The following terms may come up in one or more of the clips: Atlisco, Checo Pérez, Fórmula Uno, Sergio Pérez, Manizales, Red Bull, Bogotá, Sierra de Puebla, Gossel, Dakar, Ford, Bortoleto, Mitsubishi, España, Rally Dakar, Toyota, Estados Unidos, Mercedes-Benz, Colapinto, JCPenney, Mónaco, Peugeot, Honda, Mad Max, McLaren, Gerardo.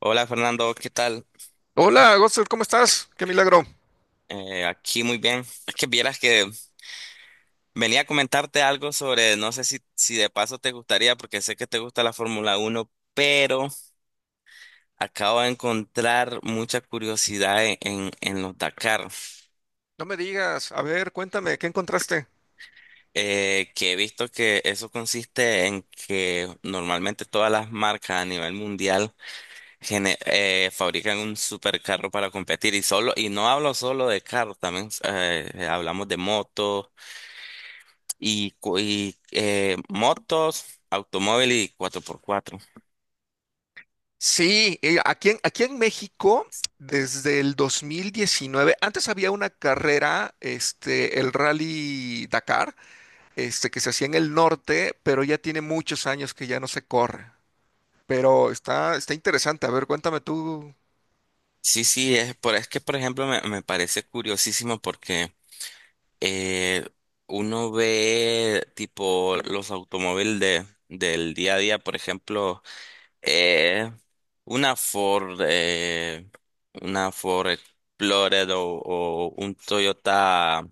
Hola, Fernando, ¿qué tal? Hola, Gossel, ¿cómo estás? Qué milagro. Aquí muy bien. Es que vieras que venía a comentarte algo sobre, no sé si de paso te gustaría, porque sé que te gusta la Fórmula Uno, pero acabo de encontrar mucha curiosidad en los Dakar, No me digas, a ver, cuéntame, ¿qué encontraste? Que he visto que eso consiste en que normalmente todas las marcas a nivel mundial fabrican un supercarro para competir y solo, y no hablo solo de carros, también hablamos de motos y motos, automóvil y cuatro por cuatro. Sí, aquí en, aquí en México, desde el 2019, antes había una carrera, este, el Rally Dakar, este, que se hacía en el norte, pero ya tiene muchos años que ya no se corre. Pero está interesante, a ver, cuéntame tú. Sí, sí, es, por, es que por ejemplo me parece curiosísimo porque eh, uno ve tipo los automóviles del día a día, por ejemplo, eh, una Ford, eh, una Ford Explorer o un Toyota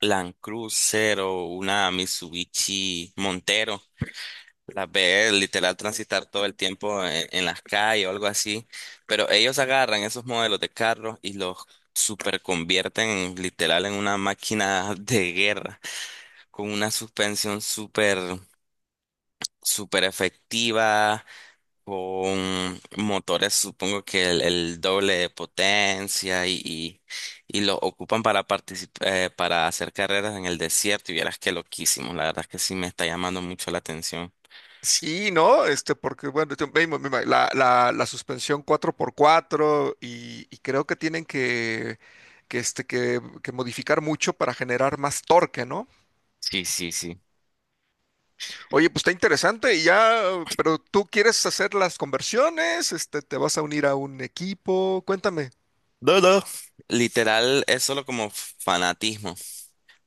Land Cruiser o una Mitsubishi Montero. Las ve literal transitar todo el tiempo en las calles o algo así, pero ellos agarran esos modelos de carros y los super convierten literal en una máquina de guerra, con una suspensión super, super efectiva, con motores supongo que el doble de potencia y los ocupan para participar, para hacer carreras en el desierto y vieras que loquísimos, la verdad es que sí me está llamando mucho la atención. Sí, ¿no? Este, porque, bueno, la suspensión cuatro por cuatro y creo que este, que modificar mucho para generar más torque, ¿no? Sí, sí, sí. Oye, pues está interesante y ya, pero tú quieres hacer las conversiones, este, te vas a unir a un equipo, cuéntame. No, no. Literal, es solo como fanatismo,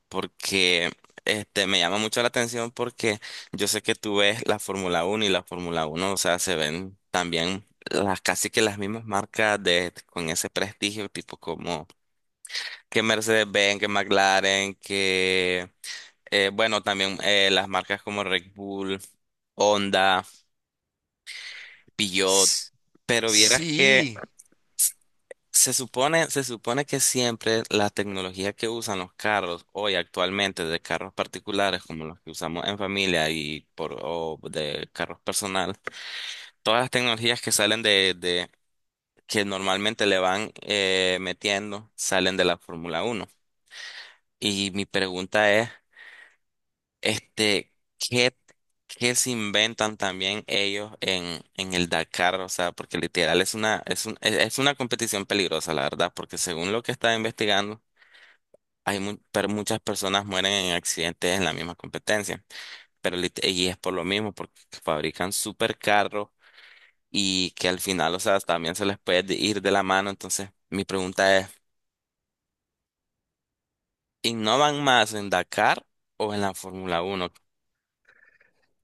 porque este me llama mucho la atención porque yo sé que tú ves la Fórmula Uno y la Fórmula Uno, o sea, se ven también las casi que las mismas marcas de con ese prestigio, tipo como que Mercedes-Benz, que McLaren, que bueno, también las marcas como Red Bull, Honda, Peugeot, S- pero vieras que Sí. se supone, se supone que siempre la tecnología que usan los carros hoy actualmente, de carros particulares como los que usamos en familia y por, o de carros personal, todas las tecnologías que salen de que normalmente le van metiendo, salen de la Fórmula Uno. Y mi pregunta es, este, ¿qué, qué se inventan también ellos en el Dakar? O sea, porque literal es una, es un- es una competición peligrosa, la verdad, porque según lo que estaba investigando, hay muchas personas mueren en accidentes en la misma competencia, pero y es por lo mismo, porque fabrican supercarros y que al final, o sea, también se les puede ir de la mano. Entonces, mi pregunta es, ¿innovan más en Dakar o en la Fórmula Uno?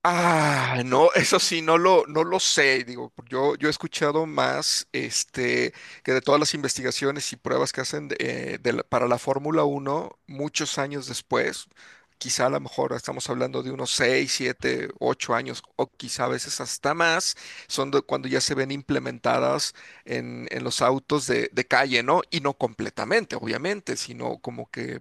Ah, no, no lo sé. Digo, yo he escuchado más este, que de todas las investigaciones y pruebas que hacen para la Fórmula Uno, muchos años después, quizá a lo mejor estamos hablando de unos 6, 7, 8 años, o quizá a veces hasta más, son de cuando ya se ven implementadas en los autos de calle, ¿no? Y no completamente, obviamente, sino como que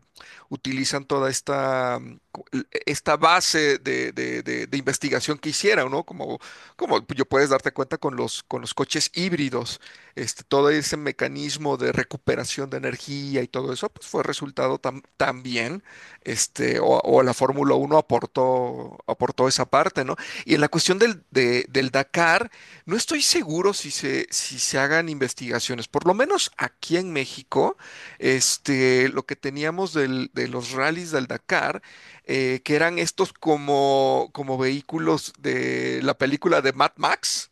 utilizan toda esta cu- esta base de investigación que hicieron, ¿no? Como, como yo puedes darte cuenta con los coches híbridos, este, todo ese mecanismo de recuperación de energía y todo eso, pues fue resultado también, este, o la Fórmula Uno aportó, aportó esa parte, ¿no? Y en la cuestión del Dakar, no estoy seguro si se, si se hagan investigaciones, por lo menos aquí en México, este, lo que teníamos de los rallies del Dakar, que eran estos como, como vehículos de la película de Mad Max,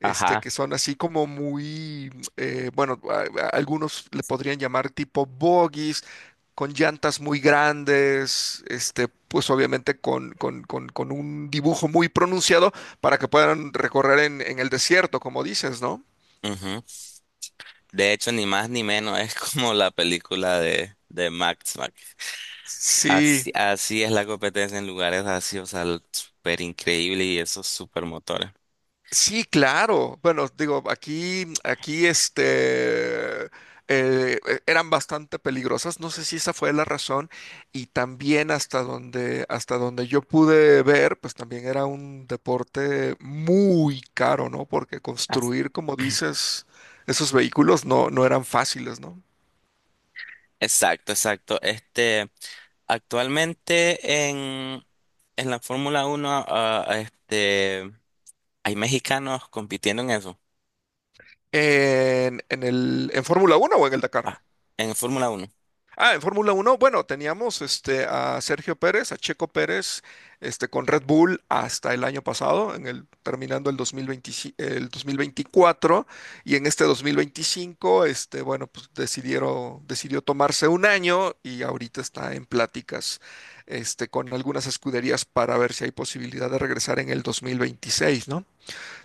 este, Ajá. que son así como muy, bueno, algunos le podrían llamar tipo bogies, con llantas muy grandes, este, pues obviamente con, con un dibujo muy pronunciado para que puedan recorrer en el desierto, como dices, ¿no? Ujú. De hecho, ni más ni menos es como la película de Max Max. Sí. Así, así es la competencia en lugares así, o sea, súper increíble y esos super motores. Sí, claro. Bueno, digo, aquí, aquí, eh, eran bastante peligrosas. No sé si esa fue la razón. Y también hasta donde yo pude ver, pues también era un deporte muy caro, ¿no? Porque construir, como dices, esos vehículos no eran fáciles, ¿no? Exacto, exacto. Este, actualmente en la Fórmula Uno, este, hay mexicanos compitiendo en eso, En, en Fórmula Uno o en el ah, Dakar. en Fórmula Uno. Ah, en Fórmula Uno, bueno, teníamos este, a Sergio Pérez, a Checo Pérez, este, con Red Bull hasta el año pasado, terminando el 2025 el 2024, y en este 2025, este, bueno, pues decidió tomarse un año y ahorita está en pláticas este, con algunas escuderías para ver si hay posibilidad de regresar en el 2026, ¿no?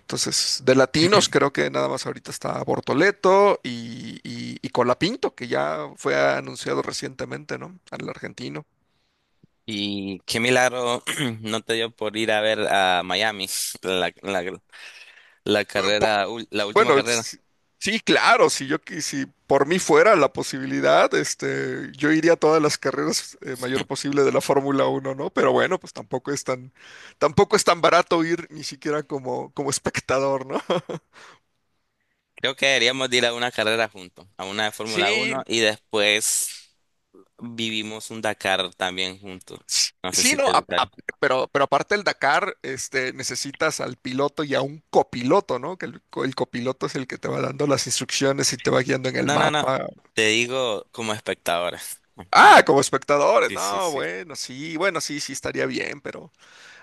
Entonces, de latinos creo que nada más ahorita está Bortoleto y, y Colapinto, que ya fue anunciado recientemente, ¿no? Al argentino. Y qué milagro no te dio por ir a ver a Miami, la, la, la Po- carrera, la última Bueno, carrera. Sí, claro, si por mí fuera la posibilidad, este, yo iría a todas las carreras mayor posible de la Fórmula Uno, ¿no? Pero bueno, pues tampoco es tan barato ir ni siquiera como, como espectador, ¿no? Creo que deberíamos de ir a una carrera juntos, a una de Fórmula Sí, Uno, y después vivimos un Dakar también juntos. No sé sí, si no, te gustaría. Pero aparte el Dakar, este, necesitas al piloto y a un copiloto, ¿no? Que el copiloto es el que te va dando las instrucciones y te va guiando en el No, no, no. mapa. Te digo como espectadora. Ah, como espectadores, Sí, sí, no, sí. bueno, sí, bueno, sí, sí estaría bien, pero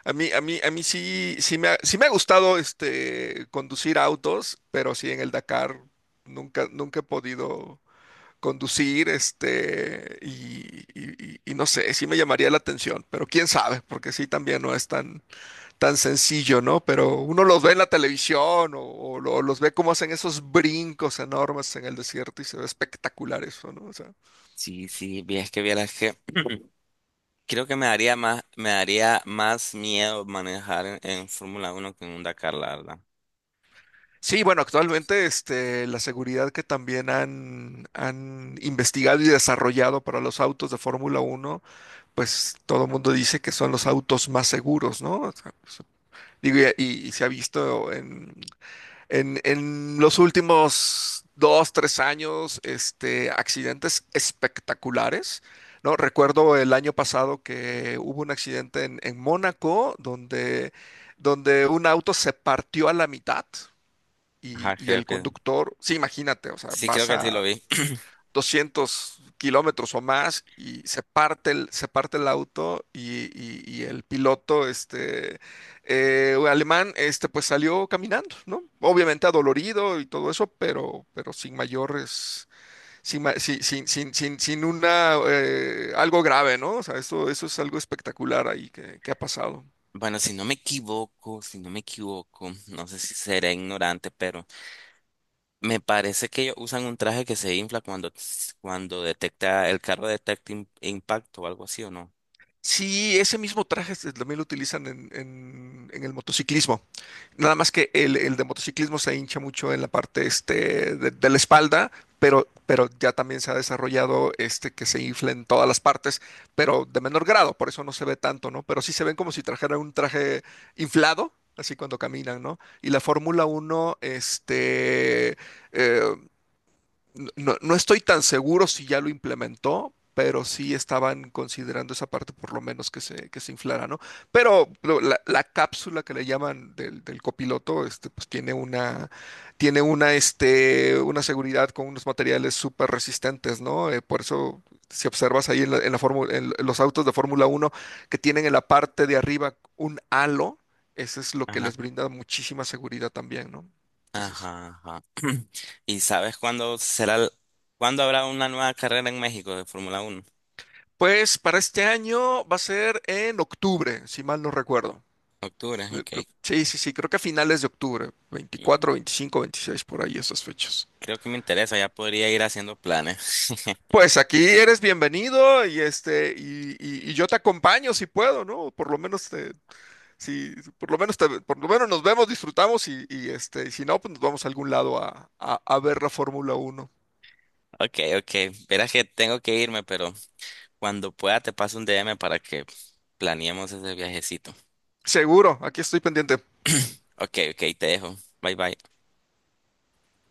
a mí sí, sí me ha gustado, este, conducir autos, pero sí en el Dakar nunca, nunca he podido conducir, este, y, y no sé, sí me llamaría la atención, pero quién sabe, porque sí también no es tan tan sencillo, ¿no? Pero uno los ve en la televisión o los ve cómo hacen esos brincos enormes en el desierto y se ve espectacular eso, ¿no? O sea, Sí, sí, es que vieras que creo que me daría más miedo manejar en Fórmula Uno que en un Dakar, la verdad. sí, bueno, actualmente este, la seguridad que también han, han investigado y desarrollado para los autos de Fórmula Uno, pues todo el mundo dice que son los autos más seguros, ¿no? O sea, pues, digo, y se ha visto en los últimos dos, tres años, este, accidentes espectaculares, ¿no? Recuerdo el año pasado que hubo un accidente en Mónaco donde, donde un auto se partió a la mitad Ajá, y el conductor, sí, imagínate, o sea, creo vas que sí a lo vi. 200 kilómetros o más y se parte el auto y, y el piloto este, alemán este, pues salió caminando, ¿no? Obviamente adolorido y todo eso, pero sin mayores, sin, ma- sin, sin, sin, sin- sin una, algo grave, ¿no? O sea, eso es algo espectacular ahí que ha pasado. Bueno, si no me equivoco, si no me equivoco, no sé si seré ignorante, pero me parece que ellos usan un traje que se infla cuando, cuando detecta, el carro detecta impacto o algo así, ¿o no? Sí, ese mismo traje también lo utilizan en, en el motociclismo. Nada más que el de motociclismo se hincha mucho en la parte este, de la espalda, pero ya también se ha desarrollado este que se infla en todas las partes, pero de menor grado, por eso no se ve tanto, ¿no? Pero sí se ven como si trajeran un traje inflado, así cuando caminan, ¿no? Y la Fórmula Uno, este, eh, no, no estoy tan seguro si ya lo implementó, pero sí estaban considerando esa parte por lo menos que se inflara, ¿no? Pero la, la cápsula que le llaman del, del copiloto, este, pues tiene una, este, una seguridad con unos materiales súper resistentes, ¿no? Por eso, si observas ahí en, en los autos de Fórmula Uno que tienen en la parte de arriba un halo, eso es lo que Ajá, les brinda muchísima seguridad también, ¿no? Entonces... ajá, ajá. ¿Y sabes cuándo será, cuándo habrá una nueva carrera en México de Fórmula Uno? Pues para este año va a ser en octubre, si mal no recuerdo. Octubre, ok. Sí, sí, sí, creo que a finales de octubre, Mm, veinticuatro, 25, 26 por ahí esas fechas. creo que me interesa, ya podría ir haciendo planes. Pues aquí eres bienvenido y este y, y yo te acompaño si puedo, ¿no? Por lo menos te, si, por lo menos por lo menos nos vemos, disfrutamos y, este, y si no, pues nos vamos a algún lado a ver la Fórmula Uno. Ok, ok. Verás que tengo que irme, pero cuando pueda te paso un DM para que planeemos ese viajecito. Seguro, aquí estoy pendiente. Ok, ok, te dejo. Bye, bye.